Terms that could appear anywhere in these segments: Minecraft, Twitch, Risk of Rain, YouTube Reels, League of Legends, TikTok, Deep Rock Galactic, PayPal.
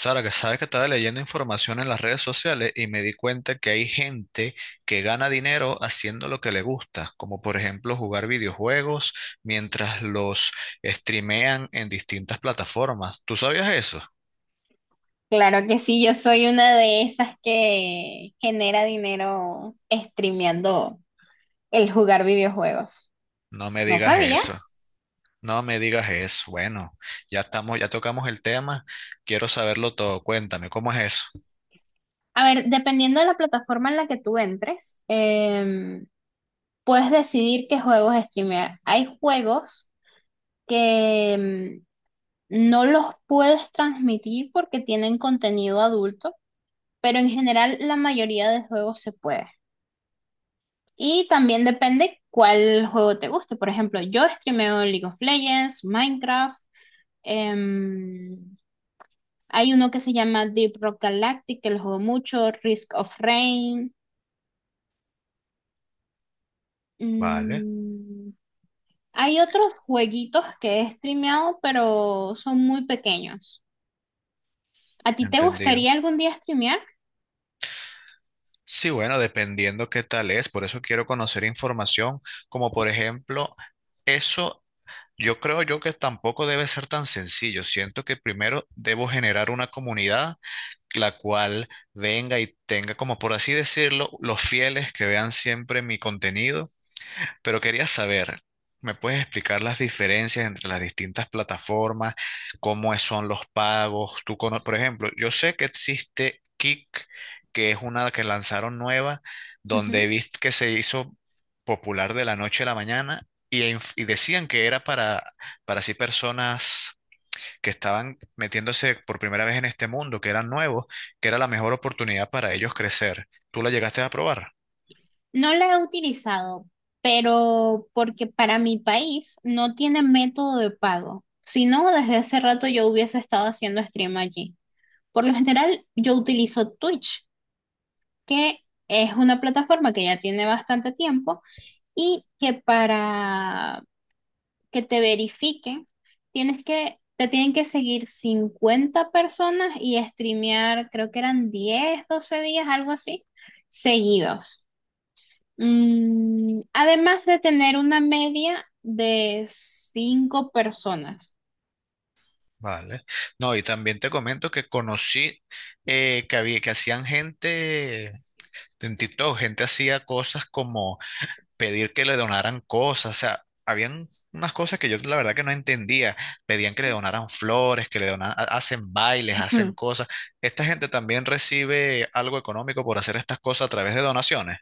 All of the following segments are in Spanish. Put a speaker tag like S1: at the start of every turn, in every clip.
S1: Sara, que sabes que estaba leyendo información en las redes sociales y me di cuenta que hay gente que gana dinero haciendo lo que le gusta, como por ejemplo jugar videojuegos mientras los streamean en distintas plataformas. ¿Tú sabías eso?
S2: Claro que sí, yo soy una de esas que genera dinero streameando el jugar videojuegos.
S1: No me
S2: ¿No
S1: digas eso.
S2: sabías?
S1: No me digas eso. Bueno, ya estamos, ya tocamos el tema. Quiero saberlo todo. Cuéntame, ¿cómo es eso?
S2: A ver, dependiendo de la plataforma en la que tú entres, puedes decidir qué juegos streamear. Hay juegos que no los puedes transmitir porque tienen contenido adulto, pero en general la mayoría de juegos se puede. Y también depende cuál juego te guste. Por ejemplo, yo streameo League of Legends, Minecraft. em, Hay uno que se llama Deep Rock Galactic, que lo juego mucho, Risk of Rain.
S1: Vale,
S2: mm, Hay otros jueguitos que he streameado, pero son muy pequeños. ¿A ti te
S1: entendido.
S2: gustaría algún día streamear?
S1: Sí, bueno, dependiendo qué tal es, por eso quiero conocer información, como por ejemplo, eso. Yo creo yo que tampoco debe ser tan sencillo. Siento que primero debo generar una comunidad la cual venga y tenga, como por así decirlo, los fieles que vean siempre mi contenido. Pero quería saber, ¿me puedes explicar las diferencias entre las distintas plataformas? Son los pagos? Por ejemplo, yo sé que existe Kick, que es una que lanzaron nueva, donde viste que se hizo popular de la noche a la mañana y, y decían que era para así personas que estaban metiéndose por primera vez en este mundo, que eran nuevos, que era la mejor oportunidad para ellos crecer. ¿Tú la llegaste a probar?
S2: No la he utilizado, pero porque para mi país no tiene método de pago. Si no, desde hace rato yo hubiese estado haciendo stream allí. Por lo general, yo utilizo Twitch, que es una plataforma que ya tiene bastante tiempo y que para que te verifiquen, te tienen que seguir 50 personas y streamear, creo que eran 10 12 días, algo así, seguidos. Además de tener una media de 5 personas.
S1: Vale. No, y también te comento que conocí que que hacían gente en TikTok, gente hacía cosas como pedir que le donaran cosas, o sea, habían unas cosas que yo la verdad que no entendía, pedían que le donaran flores, que le donaran, hacen bailes, hacen
S2: Ujú.
S1: cosas. Esta gente también recibe algo económico por hacer estas cosas a través de donaciones.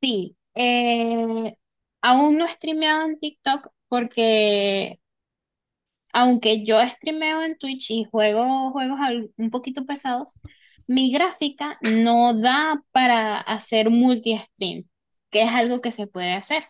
S2: Sí, aún no he streameado en TikTok porque aunque yo streameo en Twitch y juego juegos un poquito pesados, mi gráfica no da para hacer multi-stream, que es algo que se puede hacer.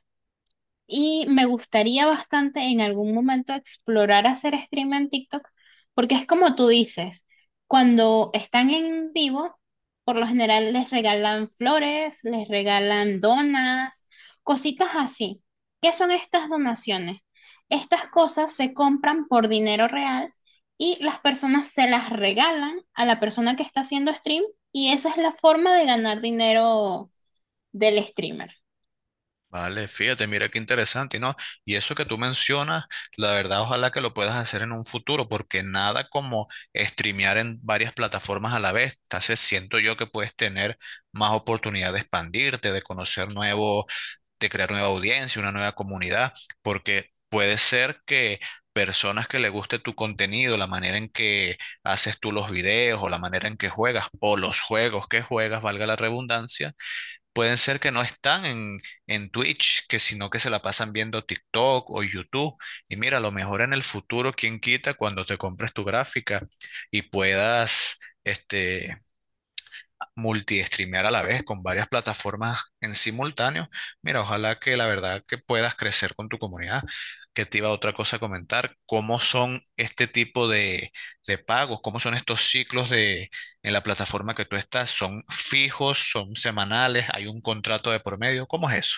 S2: Y me gustaría bastante en algún momento explorar hacer stream en TikTok, porque es como tú dices, cuando están en vivo, por lo general les regalan flores, les regalan donas, cositas así. ¿Qué son estas donaciones? Estas cosas se compran por dinero real y las personas se las regalan a la persona que está haciendo stream, y esa es la forma de ganar dinero del streamer.
S1: Vale, fíjate, mira qué interesante, ¿no? Y eso que tú mencionas, la verdad, ojalá que lo puedas hacer en un futuro, porque nada como streamear en varias plataformas a la vez. Entonces, siento yo que puedes tener más oportunidad de expandirte, de conocer nuevos, de crear nueva audiencia, una nueva comunidad, porque puede ser que personas que le guste tu contenido, la manera en que haces tú los videos o la manera en que juegas o los juegos que juegas, valga la redundancia, pueden ser que no en Twitch, que sino que se la pasan viendo TikTok o YouTube. Y mira, a lo mejor en el futuro, quién quita cuando te compres tu gráfica y puedas, este, multi-streamear a la vez con varias plataformas en simultáneo. Mira, ojalá que la verdad que puedas crecer con tu comunidad. Que te iba otra cosa a comentar, cómo son este tipo de pagos, cómo son estos ciclos de en la plataforma que tú estás, son fijos, son semanales, hay un contrato de por medio, ¿cómo es eso?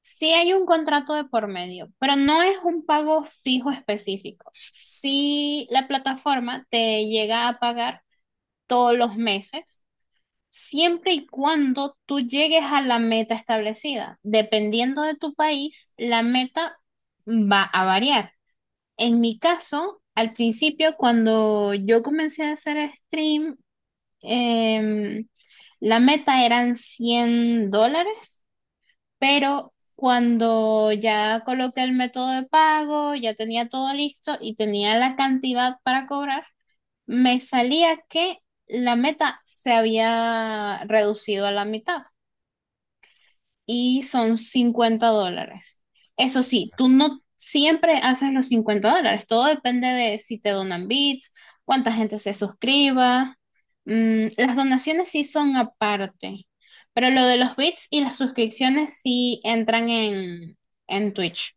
S2: Sí hay un contrato de por medio, pero no es un pago fijo específico. Si la plataforma te llega a pagar todos los meses, siempre y cuando tú llegues a la meta establecida. Dependiendo de tu país, la meta va a variar. En mi caso, al principio, cuando yo comencé a hacer stream, em, la meta eran $100, pero cuando ya coloqué el método de pago, ya tenía todo listo y tenía la cantidad para cobrar, me salía que la meta se había reducido a la mitad y son $50. Eso sí, tú no siempre haces los $50, todo depende de si te donan bits, cuánta gente se suscriba. Las donaciones sí son aparte, pero lo de los bits y las suscripciones sí entran en Twitch.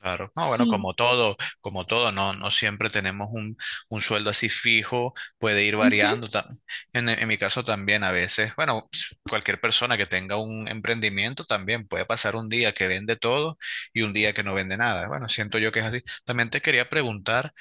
S1: Claro. No, bueno,
S2: Sí.
S1: como todo, no siempre tenemos un sueldo así fijo, puede ir
S2: Ujú.
S1: variando. En mi caso también a veces, bueno, cualquier persona que tenga un emprendimiento también puede pasar un día que vende todo y un día que no vende nada. Bueno, siento yo que es así. También te quería preguntar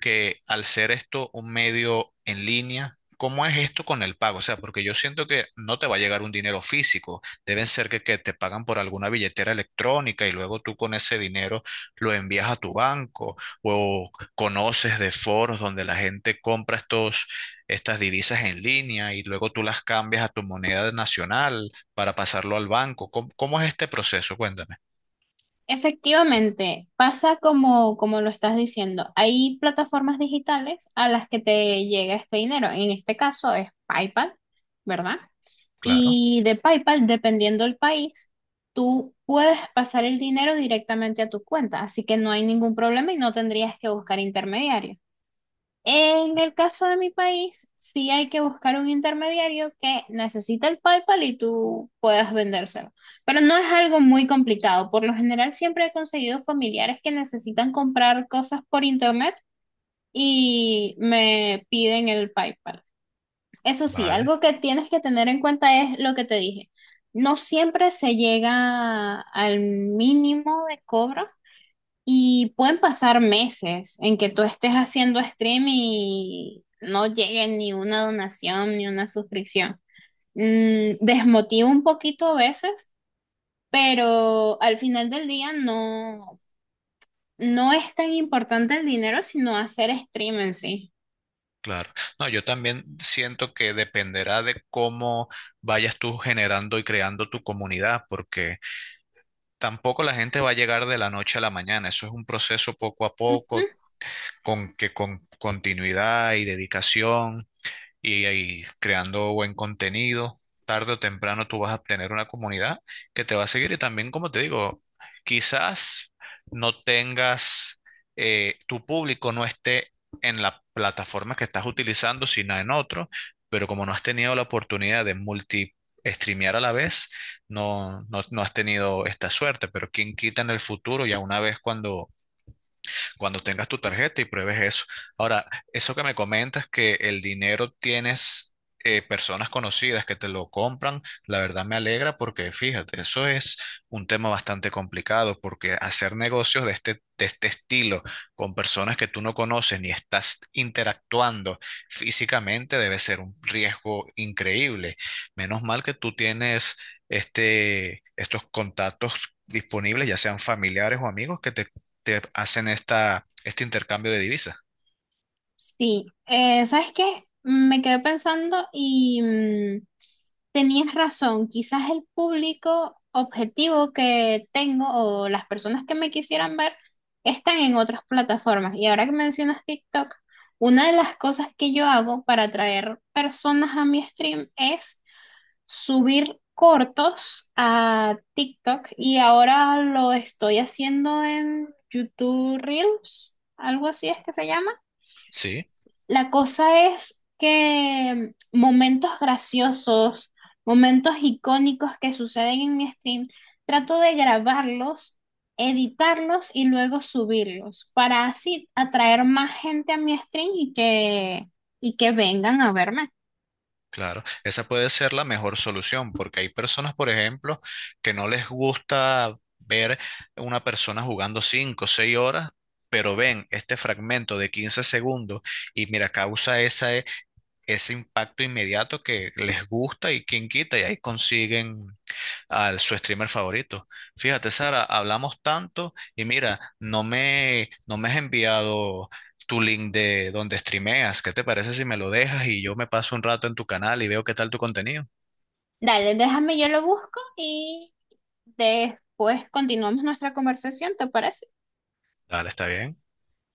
S1: que al ser esto un medio en línea, ¿cómo es esto con el pago? O sea, porque yo siento que no te va a llegar un dinero físico. Deben ser que te pagan por alguna billetera electrónica y luego tú con ese dinero lo envías a tu banco o conoces de foros donde la gente compra estas divisas en línea y luego tú las cambias a tu moneda nacional para pasarlo al banco. Cómo es este proceso? Cuéntame.
S2: Efectivamente, pasa como lo estás diciendo. Hay plataformas digitales a las que te llega este dinero. En este caso es PayPal, ¿verdad?
S1: Claro,
S2: Y de PayPal, dependiendo del país, tú puedes pasar el dinero directamente a tu cuenta. Así que no hay ningún problema y no tendrías que buscar intermediarios. En el caso de mi país, sí hay que buscar un intermediario que necesita el PayPal y tú puedas vendérselo. Pero no es algo muy complicado. Por lo general, siempre he conseguido familiares que necesitan comprar cosas por internet y me piden el PayPal. Eso sí,
S1: vale,
S2: algo que tienes que tener en cuenta es lo que te dije. No siempre se llega al mínimo de cobro y pueden pasar meses en que tú estés haciendo stream y no llegue ni una donación ni una suscripción. Desmotiva un poquito a veces, pero al final del día no, no es tan importante el dinero, sino hacer stream en sí.
S1: claro. No, yo también siento que dependerá de cómo vayas tú generando y creando tu comunidad, porque tampoco la gente va a llegar de la noche a la mañana. Eso es un proceso poco a
S2: Ujú.
S1: poco, con continuidad y dedicación y, ahí creando buen contenido. Tarde o temprano tú vas a obtener una comunidad que te va a seguir y también, como te digo, quizás no tengas, tu público no esté en la plataforma que estás utilizando, sino en otro, pero como no has tenido la oportunidad de multi streamear a la vez, no has tenido esta suerte, pero quién quita en el futuro, ya una vez cuando tengas tu tarjeta y pruebes eso. Ahora, eso que me comentas que el dinero tienes personas conocidas que te lo compran, la verdad me alegra porque fíjate, eso es un tema bastante complicado porque hacer negocios de de este estilo con personas que tú no conoces ni estás interactuando físicamente debe ser un riesgo increíble. Menos mal que tú tienes estos contactos disponibles, ya sean familiares o amigos, que te hacen este intercambio de divisas.
S2: Sí, ¿sabes qué? Me quedé pensando y tenías razón, quizás el público objetivo que tengo o las personas que me quisieran ver están en otras plataformas. Y ahora que mencionas TikTok, una de las cosas que yo hago para atraer personas a mi stream es subir cortos a TikTok, y ahora lo estoy haciendo en YouTube Reels, algo así es que se llama.
S1: Sí,
S2: La cosa es que momentos graciosos, momentos icónicos que suceden en mi stream, trato de grabarlos, editarlos y luego subirlos para así atraer más gente a mi stream y que vengan a verme.
S1: claro. Esa puede ser la mejor solución, porque hay personas, por ejemplo, que no les gusta ver una persona jugando 5, o 6 horas, pero ven este fragmento de 15 segundos y mira, causa esa, ese impacto inmediato que les gusta y quien quita y ahí consiguen al su streamer favorito. Fíjate, Sara, hablamos tanto y mira, no me has enviado tu link de donde streameas. ¿Qué te parece si me lo dejas y yo me paso un rato en tu canal y veo qué tal tu contenido?
S2: Dale, déjame, yo lo busco y después continuamos nuestra conversación, ¿te parece?
S1: Dale, está bien.